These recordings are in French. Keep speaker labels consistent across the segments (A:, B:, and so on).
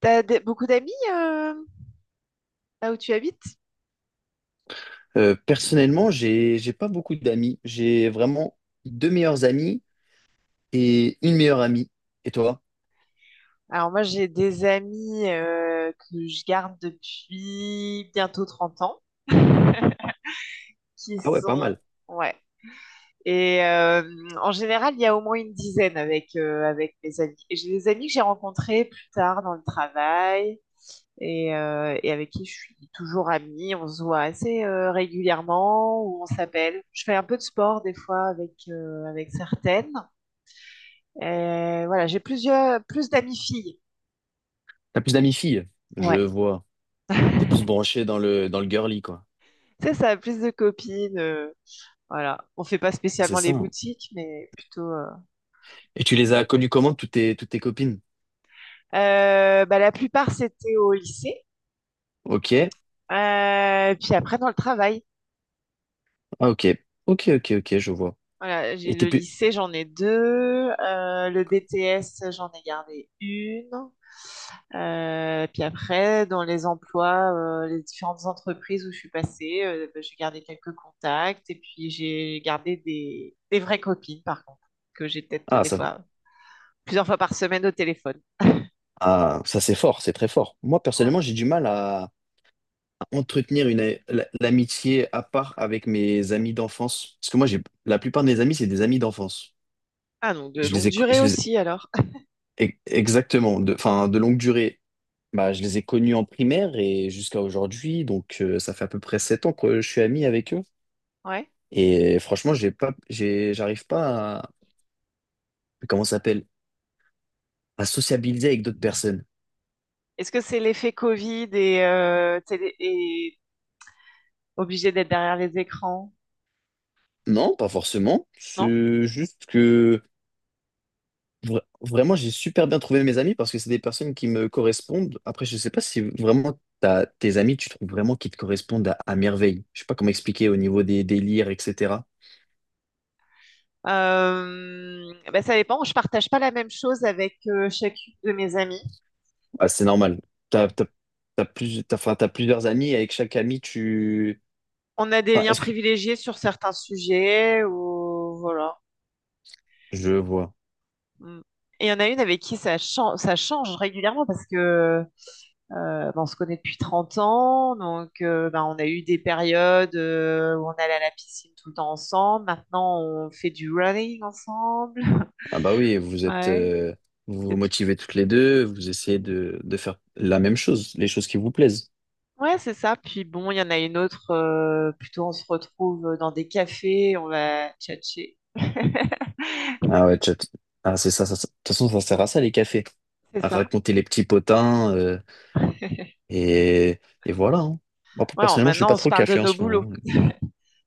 A: T'as beaucoup d'amis là où tu habites?
B: Personnellement, j'ai pas beaucoup d'amis. J'ai vraiment deux meilleurs amis et une meilleure amie. Et toi?
A: Alors moi j'ai des amis que je garde depuis bientôt 30 ans qui
B: Ah ouais, pas
A: sont
B: mal.
A: ouais et euh, en général il y a au moins une dizaine avec mes amis, et j'ai des amis que j'ai rencontrés plus tard dans le travail et avec qui je suis toujours amie. On se voit assez régulièrement ou on s'appelle, je fais un peu de sport des fois avec certaines, et voilà, j'ai plus d'amis filles.
B: T'as plus d'amis filles, je
A: Ouais.
B: vois. T'es plus branché dans le girly, quoi.
A: Tu sais, ça a plus de copines, voilà. On fait pas
B: Ah, c'est
A: spécialement
B: ça,
A: les
B: hein.
A: boutiques, mais plutôt,
B: Et tu les as connues comment, toutes tes copines?
A: Bah, la plupart, c'était au lycée.
B: Ok.
A: Puis après, dans le travail.
B: Ah ok. Ok, ok, ok, je vois.
A: Voilà, j'ai
B: Et t'es
A: le
B: plus.
A: lycée, j'en ai deux. Le BTS, j'en ai gardé une. Puis après, dans les emplois, les différentes entreprises où je suis passée, bah, j'ai gardé quelques contacts. Et puis, j'ai gardé des vraies copines, par contre, que j'ai peut-être
B: Ah
A: des
B: ça.
A: fois plusieurs fois par semaine au téléphone.
B: Ah, ça c'est fort, c'est très fort. Moi,
A: Ouais.
B: personnellement, j'ai du mal à entretenir l'amitié à part avec mes amis d'enfance. Parce que moi, j'ai la plupart de mes amis, c'est des amis d'enfance.
A: Ah non, de
B: Je
A: longue
B: les ai, co-
A: durée
B: je les
A: aussi alors.
B: ai- e- Exactement, de, enfin, de longue durée. Bah, je les ai connus en primaire et jusqu'à aujourd'hui, donc ça fait à peu près 7 ans que je suis ami avec eux.
A: Ouais.
B: Et franchement, j'arrive pas à, comment ça s'appelle, à sociabiliser avec d'autres personnes.
A: Est-ce que c'est l'effet Covid et obligé d'être derrière les écrans?
B: Non, pas forcément.
A: Non?
B: C'est juste que vraiment, j'ai super bien trouvé mes amis parce que c'est des personnes qui me correspondent. Après, je sais pas si vraiment t'as, tes amis, tu trouves vraiment qu'ils te correspondent à merveille. Je sais pas comment expliquer au niveau des délires, etc.
A: Ben, ça dépend. Je partage pas la même chose avec chacune de mes amies.
B: Ah, c'est normal. T'as, t'as, t'as plus, enfin, t'as plusieurs amis, et avec chaque ami, tu...
A: On a des
B: Enfin,
A: liens
B: est-ce que...
A: privilégiés sur certains sujets ou voilà.
B: Je vois.
A: Mm. Et il y en a une avec qui ça change régulièrement parce que ben, on se connaît depuis 30 ans, donc ben, on a eu des périodes où on allait à la piscine tout le temps ensemble. Maintenant, on fait du running ensemble.
B: Ah bah oui,
A: Ouais.
B: vous
A: Et
B: vous
A: t-
B: motivez toutes les deux, vous essayez de faire la même chose, les choses qui vous plaisent.
A: ouais, c'est ça. Puis bon, il y en a une autre, plutôt on se retrouve dans des cafés, on va tchatcher.
B: Ah ouais, chat. Ah, c'est ça, ça, ça. De toute façon, ça sert à ça, les cafés.
A: C'est
B: À
A: ça.
B: raconter les petits potins, et, et voilà, hein. Moi, plus
A: Ouais,
B: personnellement, je suis
A: maintenant, on
B: pas
A: se
B: trop
A: parle de
B: café en
A: nos
B: ce
A: boulots.
B: moment.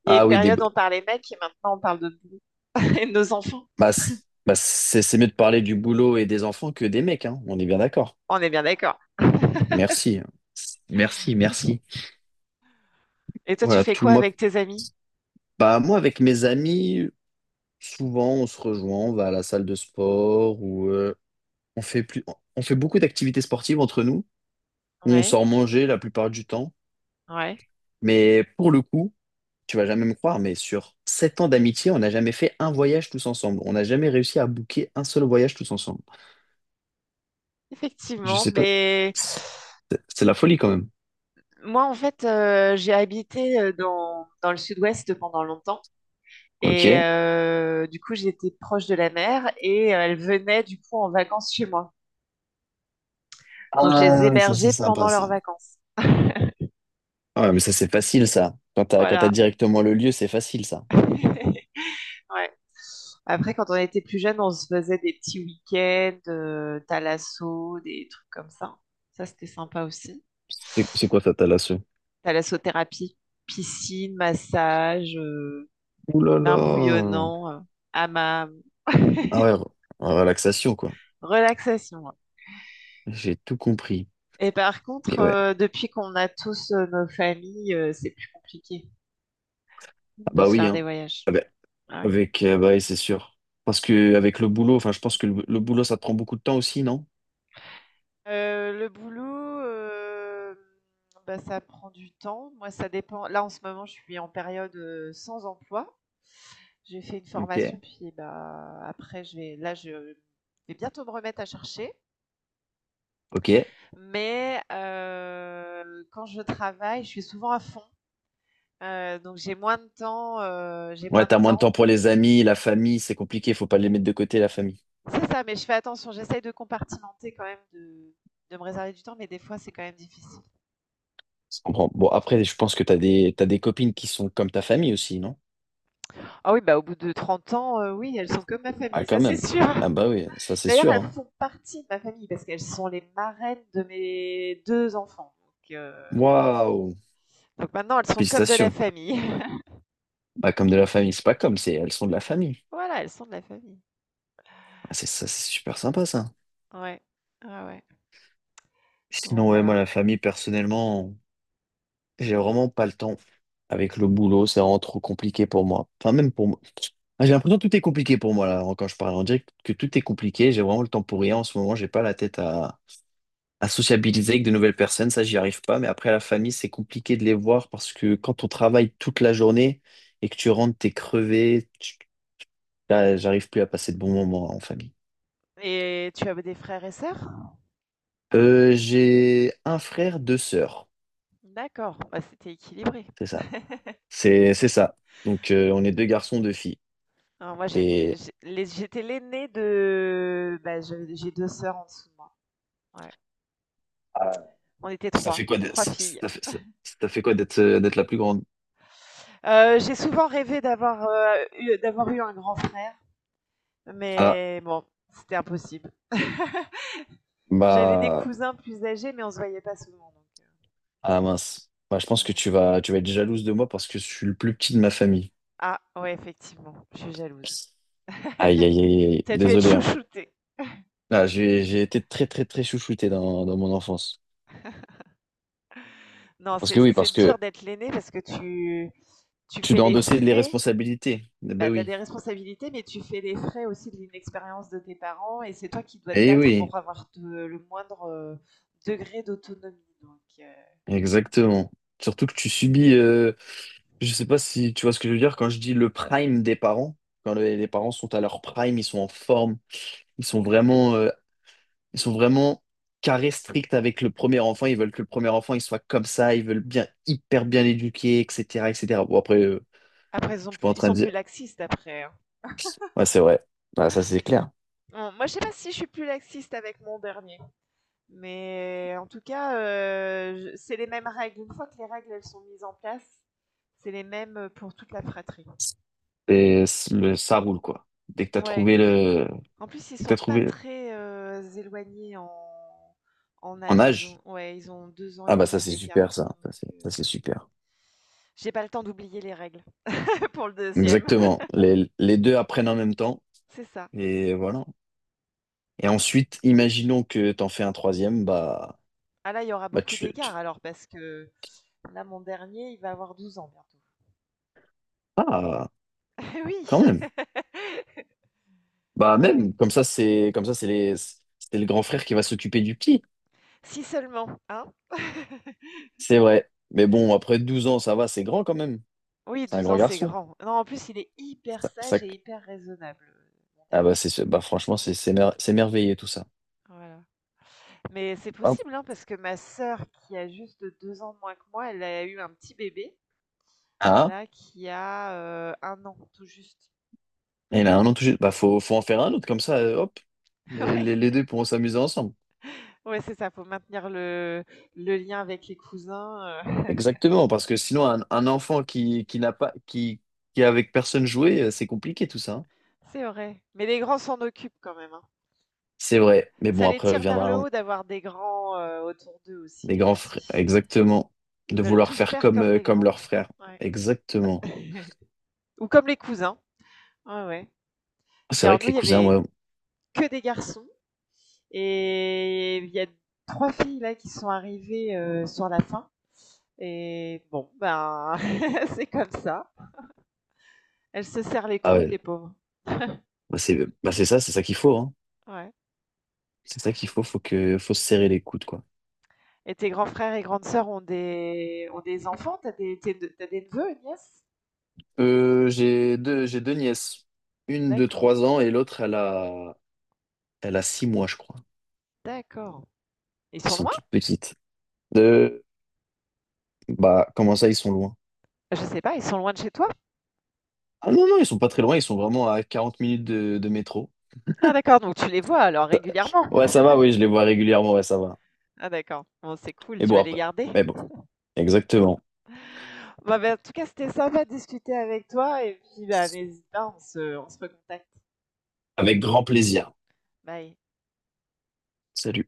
A: Il y a une
B: Ah oui, des...
A: période, on parlait mecs, et maintenant, on parle de boulot et de nos enfants.
B: Bah, c'est mieux de parler du boulot et des enfants que des mecs, hein. On est bien d'accord.
A: On est bien d'accord.
B: Merci. Merci, merci.
A: Et toi, tu
B: Voilà,
A: fais
B: tout
A: quoi
B: moi.
A: avec tes amis?
B: Bah, moi, avec mes amis, souvent, on se rejoint, on va à la salle de sport ou on fait plus... on fait beaucoup d'activités sportives entre nous, où on
A: Ouais,
B: sort manger la plupart du temps.
A: ouais.
B: Mais pour le coup, tu vas jamais me croire, mais sur 7 ans d'amitié, on n'a jamais fait un voyage tous ensemble. On n'a jamais réussi à booker un seul voyage tous ensemble. Je
A: Effectivement,
B: sais pas.
A: mais
B: C'est c'est la folie quand même.
A: moi en fait, j'ai habité, dans le sud-ouest pendant longtemps, et
B: Ok.
A: euh, du coup j'étais proche de la mer, et elles venaient du coup en vacances chez moi. Donc je les
B: Ah, ça c'est
A: hébergeais pendant
B: sympa
A: leurs
B: ça.
A: vacances.
B: Ah, ouais, mais ça, c'est facile, ça. Quand t'as
A: Voilà.
B: directement le lieu, c'est facile, ça.
A: Ouais. Après, quand on était plus jeune, on se faisait des petits week-ends, thalasso, des trucs comme ça. Ça c'était sympa aussi.
B: C'est quoi ta thalasso?
A: Thalassothérapie, piscine, massage,
B: Ouh là
A: bain
B: là!
A: bouillonnant, hammam,
B: Ah ouais, relaxation, quoi.
A: relaxation.
B: J'ai tout compris.
A: Et par contre,
B: Mais ouais.
A: depuis qu'on a tous, nos familles, c'est plus compliqué
B: Ah
A: de
B: bah
A: se
B: oui,
A: faire des
B: hein.
A: voyages.
B: Ah bah,
A: Ah oui.
B: avec, bah oui, c'est sûr. Parce que avec le boulot, enfin, je pense que le boulot, ça te prend beaucoup de temps aussi, non?
A: Le boulot, euh, bah, ça prend du temps. Moi, ça dépend. Là, en ce moment, je suis en période sans emploi. J'ai fait une formation,
B: Ok.
A: puis bah, après, je vais bientôt me remettre à chercher.
B: Ok.
A: Mais quand je travaille, je suis souvent à fond. Donc j'ai moins de temps, j'ai
B: Ouais,
A: moins de
B: t'as moins de temps
A: temps.
B: pour les amis, la famille, c'est compliqué, faut pas les mettre de côté, la famille.
A: C'est ça, mais je fais attention, j'essaye de compartimenter quand même, de me réserver du temps, mais des fois, c'est quand même difficile.
B: Je comprends. Bon, après, je pense que t'as des copines qui sont comme ta famille aussi, non?
A: Ah oui, bah, au bout de 30 ans, oui, elles sont comme ma
B: Ah,
A: famille, ça,
B: quand
A: c'est
B: même.
A: sûr.
B: Ah bah oui, ça, c'est
A: D'ailleurs,
B: sûr,
A: elles
B: hein.
A: font partie de ma famille parce qu'elles sont les marraines de mes 2 enfants, donc heu,
B: Waouh!
A: donc maintenant elles sont comme de la
B: Félicitations.
A: famille.
B: Bah, comme de la famille, c'est pas comme, c'est elles sont de la famille.
A: Voilà, elles sont de la famille.
B: Ah, c'est ça, c'est super sympa ça.
A: Ouais, ah ouais, donc
B: Sinon, ouais, moi,
A: voilà.
B: la famille, personnellement, j'ai vraiment pas le temps. Avec le boulot, c'est vraiment trop compliqué pour moi. Enfin, même pour moi. Ah, j'ai l'impression que tout est compliqué pour moi, là, quand je parle. On dirait que tout est compliqué. J'ai vraiment le temps pour rien. En ce moment, j'ai pas la tête à sociabiliser avec de nouvelles personnes. Ça, j'y arrive pas. Mais après, la famille, c'est compliqué de les voir parce que quand on travaille toute la journée et que tu rentres, t'es crevé. Là, j'arrive plus à passer de bons moments en famille.
A: Et tu as des frères et sœurs?
B: J'ai un frère, deux sœurs.
A: D'accord, bah, c'était équilibré.
B: C'est ça. C'est ça. Donc on est deux garçons, deux filles.
A: Alors moi, j'étais
B: Et
A: j'ai- les- j'étais l'aînée, de bah, j'ai deux sœurs en dessous de moi. Ouais.
B: ah,
A: On était
B: ça
A: trois,
B: fait quoi d'être
A: trois filles.
B: ça fait, ça- ça fait quoi d'être d'être la plus grande?
A: J'ai souvent rêvé d'avoir, d'avoir eu un grand frère,
B: Ah
A: mais bon, c'était impossible. J'avais des
B: bah
A: cousins plus âgés, mais on se voyait pas souvent. Donc,
B: ah mince. Bah, je pense que
A: ouais.
B: tu vas être jalouse de moi parce que je suis le plus petit de ma famille.
A: Ah ouais, effectivement, je suis jalouse.
B: Aïe aïe aïe, aïe.
A: T'as dû être
B: Désolé, hein.
A: chouchoutée.
B: Ah, j'ai été très très très chouchouté dans mon enfance.
A: Non,
B: Parce
A: c'est
B: que oui,
A: c'est
B: parce que
A: dur d'être l'aînée parce que tu
B: tu
A: fais
B: dois
A: des
B: endosser les
A: frais,
B: responsabilités. Eh
A: bah,
B: ben
A: tu as
B: oui.
A: des responsabilités, mais tu fais les frais aussi de l'inexpérience de tes parents, et c'est toi qui dois te
B: Eh
A: battre
B: oui.
A: pour avoir le moindre, degré d'autonomie. Donc,
B: Exactement. Surtout que tu subis, je sais pas si tu vois ce que je veux dire quand je dis le prime des parents. Quand les parents sont à leur prime, ils sont en forme, ils sont vraiment, euh, ils sont vraiment carrés strict avec le premier enfant. Ils veulent que le premier enfant il soit comme ça, ils veulent bien hyper bien l'éduquer, etc., etc. Bon après,
A: après, ils sont,
B: je suis pas
A: plus,
B: en
A: ils
B: train
A: sont
B: de
A: plus
B: dire.
A: laxistes après, hein.
B: Ouais, c'est vrai. Ouais, ça c'est clair.
A: Bon, moi, je sais pas si je suis plus laxiste avec mon dernier, mais en tout cas, c'est les mêmes règles. Une fois que les règles elles sont mises en place, c'est les mêmes pour toute la fratrie.
B: Et ça roule quoi. Dès que t'as
A: Ouais,
B: trouvé le,
A: en plus, ils
B: dès que t'as
A: sont pas
B: trouvé
A: très, éloignés en
B: en
A: âge. Ils
B: âge.
A: ont ouais, ils ont 2 ans
B: Ah
A: et
B: bah ça
A: demi
B: c'est super
A: d'écart,
B: ça.
A: donc
B: Ça, c'est super.
A: j'ai pas le temps d'oublier les règles pour le deuxième.
B: Exactement. Les deux apprennent en même temps.
A: C'est ça.
B: Et voilà. Et ensuite, imaginons que t'en fais un troisième, bah,
A: Ah là, il y aura
B: bah
A: beaucoup
B: tu, tu-
A: d'écart alors parce que là, mon dernier, il va avoir 12 ans bientôt.
B: Ah,
A: Eh oui!
B: quand même. Bah
A: Ah ouais.
B: même, comme ça, c'est comme ça, c'est le grand frère qui va s'occuper du petit.
A: Si seulement, hein?
B: C'est vrai. Mais bon, après 12 ans, ça va, c'est grand quand même.
A: Oui,
B: C'est un
A: 12 ans,
B: grand
A: c'est
B: garçon.
A: grand. Non, en plus, il est hyper
B: Ça, ça-
A: sage et hyper raisonnable, mon
B: Ah
A: dernier.
B: bah c'est, franchement, c'est merveilleux tout ça.
A: Voilà. Mais c'est
B: Hop.
A: possible, hein, parce que ma sœur, qui a juste 2 ans de moins que moi, elle a eu un petit bébé,
B: Ah,
A: là, qui a, 1 an, tout juste.
B: il a 1 an tout juste. Bah faut en faire un autre, comme ça, hop. Les,
A: Ouais,
B: les, les deux pourront s'amuser ensemble.
A: ouais, c'est ça, faut maintenir le lien avec les cousins,
B: Exactement, parce que sinon, un enfant qui n'a pas, qui est avec personne joué, c'est compliqué tout ça, hein.
A: c'est vrai. Mais les grands s'en occupent quand même, hein.
B: C'est vrai, mais
A: Ça
B: bon,
A: les tire vers le haut d'avoir des grands, autour d'eux aussi,
B: les
A: les
B: grands frères,
A: petits.
B: exactement,
A: Ils
B: de
A: veulent
B: vouloir
A: tout
B: faire
A: faire
B: comme,
A: comme les
B: comme
A: grands.
B: leurs frères.
A: Ouais.
B: Exactement.
A: Ou comme les cousins. Ouais, ouais.
B: C'est
A: Puis
B: vrai
A: alors
B: que
A: nous,
B: les
A: il y
B: cousins,
A: avait
B: ouais,
A: que des garçons. Et il y a 3 filles là qui sont arrivées, sur la fin, et bon, ben, c'est comme ça. Elles se serrent les
B: ah
A: coudes,
B: ouais,
A: les pauvres.
B: bah, c'est ça qu'il faut, hein.
A: Ouais,
B: C'est ça qu'il faut, faut se serrer les coudes, quoi.
A: et tes grands frères et grandes sœurs ont des enfants? T'as des tes de des neveux et nièces?
B: J'ai deux nièces, une de
A: D'accord,
B: 3 ans et l'autre, elle a 6 mois, je crois.
A: d'accord. Ils
B: Elles
A: sont
B: sont
A: loin?
B: toutes petites. Euh, Bah, comment ça, ils sont loin?
A: Je sais pas, ils sont loin de chez toi?
B: Ah non, non, ils sont pas très loin, ils sont vraiment à 40 minutes de métro.
A: Ah d'accord, donc tu les vois alors régulièrement?
B: Ouais, ça va, oui, je les vois régulièrement, ouais, ça va.
A: Ah d'accord. Bon, c'est cool,
B: Mais
A: tu
B: bon,
A: vas les
B: après.
A: garder?
B: Mais bon, exactement.
A: Bah, en tout cas, c'était sympa de discuter avec toi, et puis, bah, n'hésite pas, on se recontacte.
B: Avec grand plaisir.
A: Bye.
B: Salut.